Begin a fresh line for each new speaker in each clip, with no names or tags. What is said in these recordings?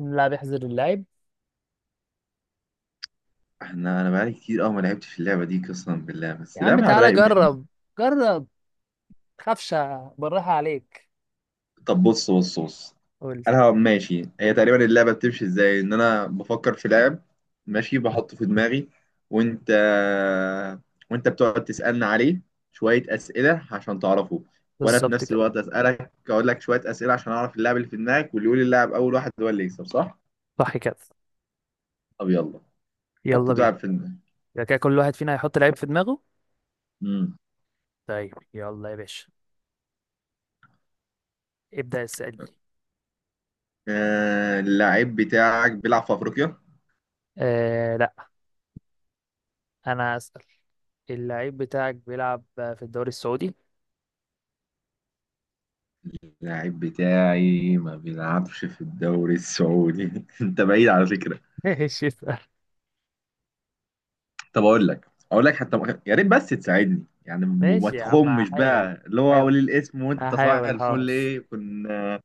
إن اللاعب يحذر اللاعب.
انا بقالي كتير قوي ما لعبتش في اللعبه دي قسما بالله،
يا
بس
عم
لعبة على
تعالى
الرايق منه.
جرب. جرب. تخافش. بالراحة عليك.
طب بص بص بص.
قول لي.
انا هبقى ماشي، هي تقريبا اللعبه بتمشي ازاي؟ انا بفكر في لاعب ماشي بحطه في دماغي، وانت وانت بتقعد تسالني عليه شويه اسئله عشان تعرفه، وانا في
بالظبط
نفس
كده.
الوقت اسالك اقول لك شويه اسئله عشان اعرف اللاعب اللي في دماغك، واللي يقول اللاعب اول واحد هو اللي يكسب، صح؟
صح كده.
طب يلا حط
يلا بينا.
اللاعب في دماغك.
يبقى كده كل واحد فينا هيحط لعيب في دماغه.
امم
طيب يلا يا باشا. ابدأ اسألني.
اللاعب بتاعك بيلعب في افريقيا؟
آه لا. انا اسأل. اللعيب بتاعك بيلعب في الدوري السعودي.
اللاعب بتاعي ما بيلعبش في الدوري السعودي انت بعيد على فكرة.
ماشي اسأل.
طب اقول لك، اقول لك حتى يا ريت بس تساعدني يعني وما
ماشي يا عم
تخمش
هحاول.
بقى، اللي هو
هحاول.
اقول الاسم وانت صباح
هحاول حاضر.
الفل ايه كنا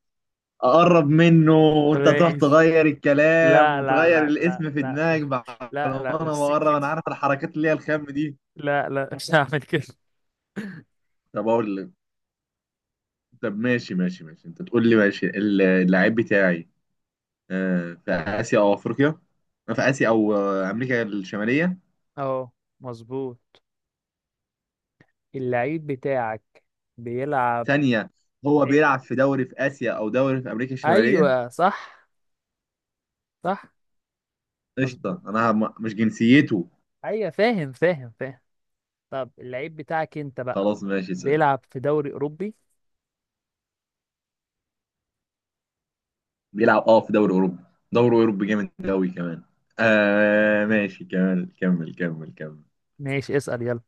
اقرب منه وانت تروح
ماشي.
تغير الكلام
لا لا
وتغير
لا لا
الاسم في
لا
دماغك بعد.
لا
ما
لا مش
انا بقرب انا
سكتي.
عارف الحركات اللي هي الخام دي.
لا لا مش هعمل كده.
طب اقول لك. طب ماشي ماشي ماشي، انت تقول لي ماشي. اللاعب بتاعي في اسيا او افريقيا، في اسيا او امريكا الشمالية.
اه مظبوط. اللعيب بتاعك بيلعب
ثانية، هو
إيه؟
بيلعب في دوري في آسيا أو دوري في أمريكا الشمالية؟
ايوه صح. صح مظبوط.
قشطة. أنا مش جنسيته.
ايوه فاهم فاهم. طب اللعيب بتاعك انت بقى
خلاص ماشي سهل.
بيلعب في دوري اوروبي.
بيلعب في دوري أوروبا، دوري أوروبي جامد أوي كمان. آه
أوكي.
ماشي كمل كمل كمل كمل.
ماشي اسأل يلا.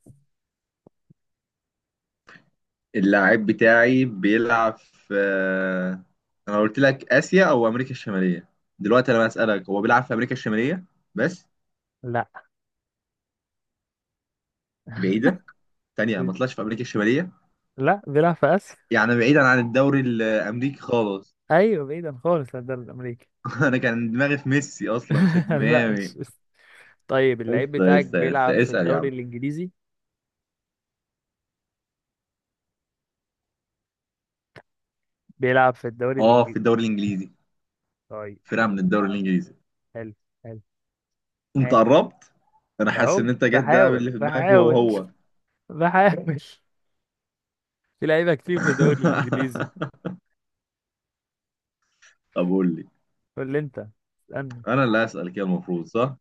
اللاعب بتاعي بيلعب في أنا قلت لك آسيا أو أمريكا الشمالية، دلوقتي أنا بسألك هو بيلعب في أمريكا الشمالية بس؟
لا.
بعيدة، ثانية، ما طلعش في أمريكا الشمالية.
لا بيلعب في اسيا.
يعني بعيدا عن الدوري الأمريكي خالص.
ايوه بعيدا خالص عن الدوري الامريكي.
أنا كان دماغي في ميسي أصلا في
لا مش
ميامي.
اسم. طيب اللعيب
لسه
بتاعك
لسه
بيلعب
لسه
في
اسال يا
الدوري
عم.
الانجليزي. بيلعب في الدوري
اه في
الانجليزي.
الدوري الانجليزي،
طيب
فرقه
حلو.
من الدوري الانجليزي.
حلو حلو.
انت
اه.
قربت. انا حاسس
اهو
ان انت جت، ده
بحاول
اللي في دماغي هو
بحاول.
هو.
بحاول. في لعيبه كتير في الدوري الانجليزي.
طب قول لي.
قول لي انت. اسالني.
انا اللي هسال كده المفروض، صح؟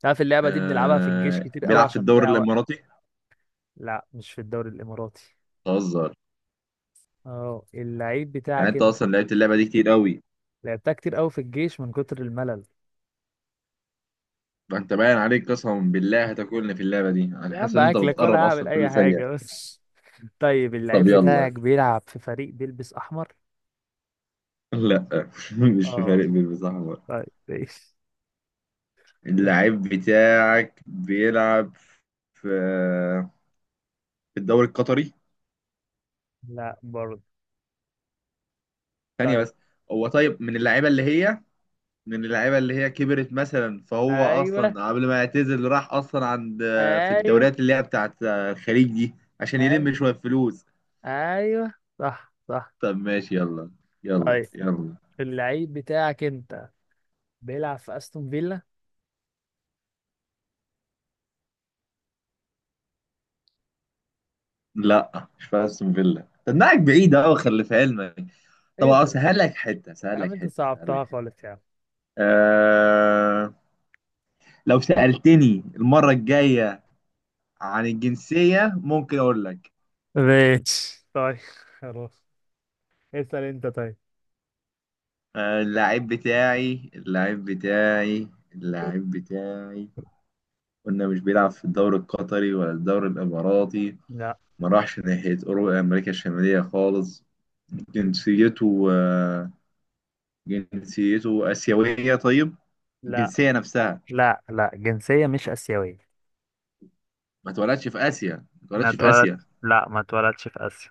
تعرف اللعبه دي بنلعبها في الجيش كتير قوي
بيلعب في
عشان
الدوري
نضيع وقت.
الاماراتي؟
لا مش في الدوري الاماراتي.
بتهزر؟
اه اللعيب
يعني
بتاعك
انت
انت.
اصلا لعبت اللعبه دي كتير قوي.
لعبتها كتير قوي في الجيش من كتر الملل.
ده انت باين عليك قسما بالله هتاكلني في اللعبه دي، انا
يا
حاسس
عم
ان انت
اكلك ولا
بتقرب
هعمل
اصلا
اي
كل ثانيه.
حاجه بس. طيب اللعيب
طب يلا.
بتاعك بيلعب في فريق بيلبس احمر.
لا مش في
اه
فريق بيلبس احمر.
طيب ماشي.
اللعيب بتاعك بيلعب في في الدوري القطري؟
لا برضه.
ثانية
طيب.
بس. هو طيب من اللعيبة اللي هي، من اللعيبة اللي هي كبرت مثلا، فهو
ايوه
أصلا قبل ما يعتزل راح أصلا عند في
ايوه
الدوريات اللي هي بتاعت الخليج دي عشان
ايوه.
يلم شوية فلوس.
ايوه صح صح.
طب ماشي يلا، يلا
طيب
يلا.
اللعيب بتاعك انت بيلعب في استون فيلا.
لا مش في أستون فيلا، تنقعك بعيد أوي خلي في علمك. طب
ايه ده.
أسهل لك حتة،
يا
سهل
عم
لك
انت
حتة، سهل لك
صعبتها
حتة.
خالص يا عم.
أه... لو سألتني المرة الجاية عن الجنسية ممكن أقول لك.
ماشي طيب. خلاص اسال انت طيب.
آه، اللاعب بتاعي اللاعب بتاعي اللاعب بتاعي قلنا مش بيلعب في الدوري القطري ولا الدوري الإماراتي،
لا
ما راحش ناحية أوروبا أمريكا الشمالية خالص. جنسيته جنسيته آسيوية؟ طيب
لا
الجنسية نفسها،
لا. جنسية مش آسيوية.
ما اتولدش في آسيا، ما
ما
اتولدش في
اتولد.
آسيا.
لا ما اتولدش في آسيا.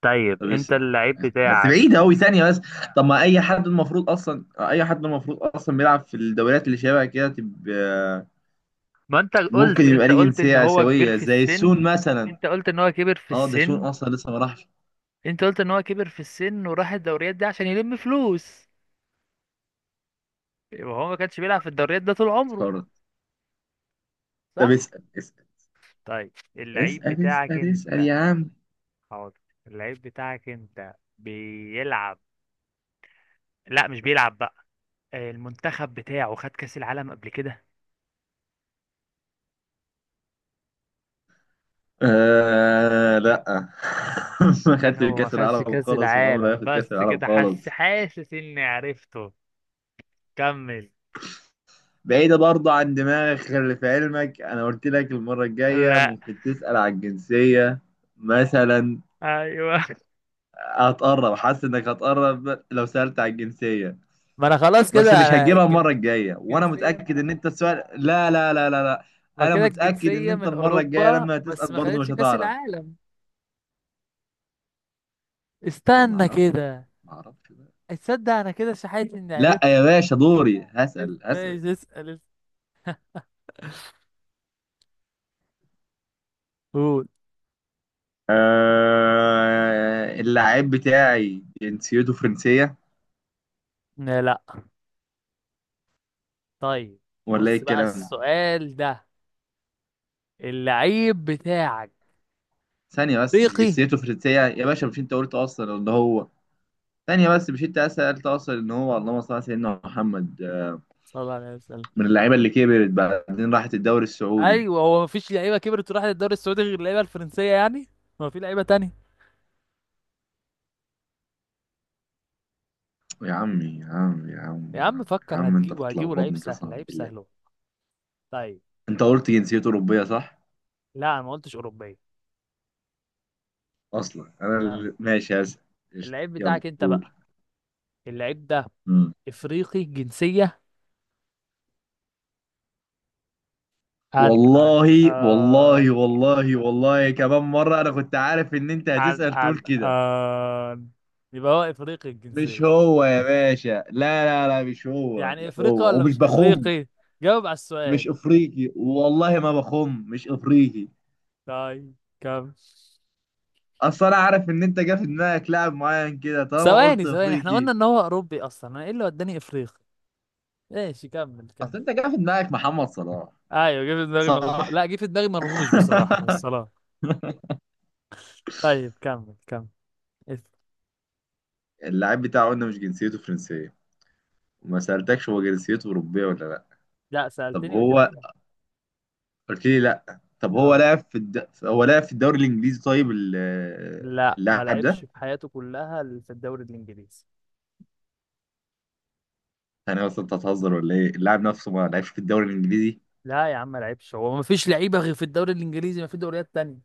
طيب
طب
انت
اسأل،
اللعيب
بس
بتاعك.
بعيد أوي ثانية بس. طب ما أي حد المفروض أصلا بيلعب في الدوريات اللي شبه كده تبقى،
ما انت
ممكن
قلت.
يبقى
انت
ليه
قلت ان
جنسية
هو كبير
آسيوية
في
زي
السن.
السون مثلا.
انت قلت ان هو كبر في
اه ده سون
السن.
أصلا لسه ما راحش.
انت قلت ان هو كبر في السن وراح الدوريات دي عشان يلم فلوس. يبقى هو ما كانش بيلعب في الدوريات ده طول عمره.
افتكرت. طب
صح.
اسأل اسأل
طيب اللعيب
اسأل
بتاعك
اسأل اسأل
انت.
يا عم.
حاضر. اللعيب بتاعك انت بيلعب. لا مش بيلعب بقى. المنتخب بتاعه خد كأس العالم قبل كده.
آه لا ما خدتش
منتخبه ما
كأس
خدش
العالم
كأس
خالص، وما عمره
العالم
هياخد كأس
بس
العالم
كده حاسس.
خالص.
حاسس اني عرفته. كمل.
بعيدة برضه عن دماغك، خلي في علمك أنا قلت لك المرة الجاية
لا.
ممكن تسأل على الجنسية مثلا.
ايوه.
هتقرب، حاسس إنك هتقرب لو سألت على الجنسية،
ما انا خلاص
بس
كده
مش
انا
هتجيبها
الجن-
المره الجايه، وانا
جنسية
متاكد
من-
ان انت السؤال لا لا لا لا لا.
ما
انا
كده
متاكد ان
الجنسية
انت
من
المره الجايه
اوروبا
لما هتسال
بس ما
برضه
خدتش
مش
كاس
هتعرف.
العالم.
ما
استنى
اعرفش،
كده.
ما اعرفش بقى.
اتصدق انا كده شحيت اني
لا
عرفت.
يا باشا، دوري هسال هسال.
ايش اسال قول.
اللاعب بتاعي جنسيته فرنسيه،
لا لا. طيب
ولا ايه
بص بقى
الكلام؟
السؤال ده. اللعيب بتاعك
ثانيه بس، مش
افريقي.
جنسيته فرنسيه يا باشا، مش انت قلت اصلا ان هو، ثانيه بس مش انت سالت اصلا ان هو، اللهم صل على سيدنا محمد.
صلى الله عليه وسلم.
من اللعيبه اللي كبرت بعدين راحت الدوري السعودي.
ايوه هو مفيش لعيبه كبرت وراحت الدوري السعودي غير اللعيبه الفرنسيه يعني. ما في لعيبه تانية.
يا عمي يا عمي يا عمي
يا
يا
عم
عمي يا
فكر.
عم انت
هتجيبه هتجيبه. لعيب
بتلخبطني
سهل.
قسما
لعيب
بالله.
سهل هو. طيب.
انت قلت جنسيته اوروبيه، صح؟
لا انا ما قلتش اوروبيه.
اصلا انا
أنا-
ماشي هسأل. قشطة.
اللعيب
يلا
بتاعك انت
قول.
بقى. اللعيب ده
مم.
افريقي جنسيه. عن عن
والله
عن
والله والله والله كمان مره انا كنت عارف ان انت
عن
هتسأل تقول
عن,
كده.
عن. يبقى هو افريقي
مش
الجنسيه.
هو يا باشا، لا لا لا مش هو
يعني
مش
افريقي
هو
ولا
ومش
مش
بخم.
افريقي؟ جاوب على السؤال.
مش افريقي والله، ما بخم، مش افريقي.
طيب. كم.
اصل انا عارف ان انت جا في دماغك لاعب معين كده طالما قلت
ثواني ثواني. احنا
افريقي.
قلنا ان هو اوروبي اصلا، انا ايه اللي وداني افريقيا؟ ماشي كمل كمل.
اصل انت جا في دماغك محمد صلاح،
ايوه جه في دماغي مرموش.
صح؟
لا جه في دماغي مرموش بصراحه بس خلاص. طيب كمل كمل. اس-
اللاعب بتاعه قلنا مش جنسيته فرنسية، وما سألتكش هو جنسيته أوروبية ولا لأ.
لا
طب
سالتني قلت لك
هو،
لا.
قلت لي لأ، طب هو
أهو.
لعب في الد... هو لعب في الدوري الإنجليزي، طيب
لا ما
اللاعب ده.
لعبش في حياته كلها في الدوري الانجليزي.
أنا أصلا، أنت هتهزر ولا إيه؟ اللاعب نفسه ما لعبش في الدوري الإنجليزي،
لا يا عم ما لعبش. هو ما فيش لعيبه غير في الدوري الانجليزي؟ ما في دوريات تانية؟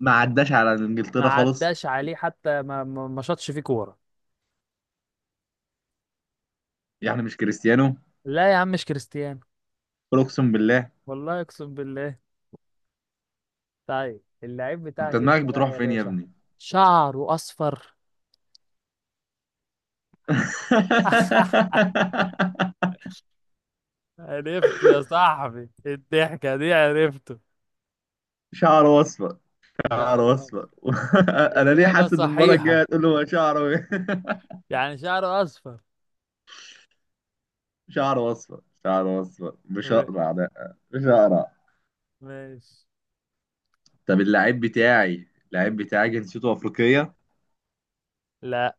ما عداش على
ما
إنجلترا خالص؟
عداش عليه حتى ما ما شاطش فيه كوره.
يعني مش كريستيانو؟
لا يا عم مش كريستيانو.
قل أقسم بالله.
والله اقسم بالله. طيب اللعيب
أنت
بتاعك
دماغك
انت بقى
بتروح
يا
فين يا
باشا.
ابني؟
شعره اصفر. عرفته يا صاحبي. الضحكة دي عرفته.
شعره أصفر،
شعر
شعره
أصفر.
أصفر. أنا ليه
إجابة
حاسس إن المرة الجاية
صحيحة.
هتقول له هو شعره إيه؟
يعني شعر أصفر.
شعره اصفر، شعره اصفر، مش
م-
اقرع، لا مش اقرع.
ماشي.
طب اللعيب بتاعي، اللعيب بتاعي جنسيته افريقيه؟
لا.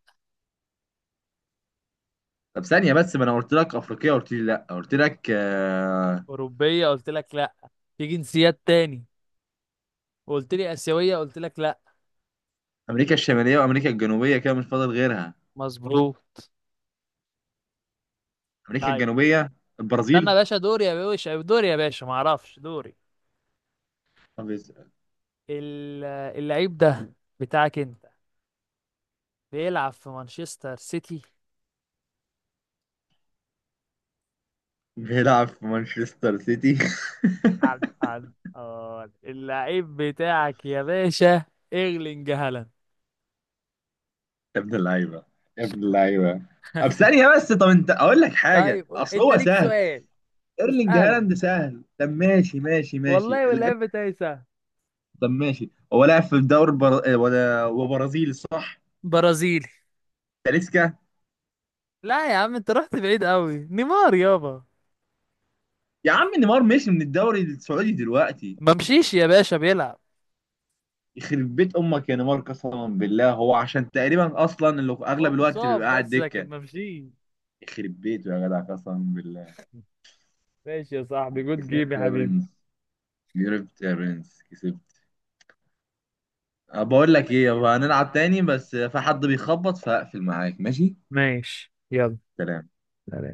طب ثانيه بس، ما انا قلت لك افريقيه قلت لي لا، قلت لك
أوروبية قلت لك لا. في جنسيات تاني. قلت لي آسيوية قلت لك لا.
امريكا الشماليه وامريكا الجنوبيه، كده مش فاضل غيرها.
مظبوط.
امريكا
طيب
الجنوبيه،
استنى يا
البرازيل.
باشا. دوري يا باشا. دوري يا باشا معرفش دوري.
طب
ال- اللعيب ده بتاعك أنت بيلعب في مانشستر سيتي.
بيلعب في مانشستر سيتي.
عن عن آه اللعيب بتاعك يا باشا. ايرلينج هالاند.
يا ابن اللعيبه، يا ابن اللعيبه. طب ثانيه بس، طب انت اقول لك حاجه،
طيب
اصل
انت
هو
ليك
سهل.
سؤال
ايرلينج
تسأله.
هالاند سهل. طب ماشي ماشي ماشي
والله
اللعيب.
واللعب بتاعي سهل.
طب ماشي هو لاعب في الدوري وبرازيلي، صح؟
برازيلي.
تاليسكا.
لا يا عم انت رحت بعيد قوي. نيمار يابا.
يا عم نيمار مشي من الدوري السعودي دلوقتي؟
ما مشيش يا باشا بيلعب.
يخرب بيت امك يا نيمار قسما بالله، هو عشان تقريبا اصلا اللي في
هو
اغلب الوقت
مصاب
بيبقى قاعد
بس لكن
دكه.
ما مشيش.
يخرب بيته يا جدع قسما بالله.
ماشي يا صاحبي. جود جيم
كسبت
يا
يا
حبيبي.
برنس، كسبت يا برنس، كسبت. بقول
بقول
لك ايه
لك ايه،
يابا،
يلا
هنلعب
هنلعب
تاني
تاني.
بس في حد بيخبط فهقفل معاك، ماشي؟
ماشي يلا.
سلام.
سلام.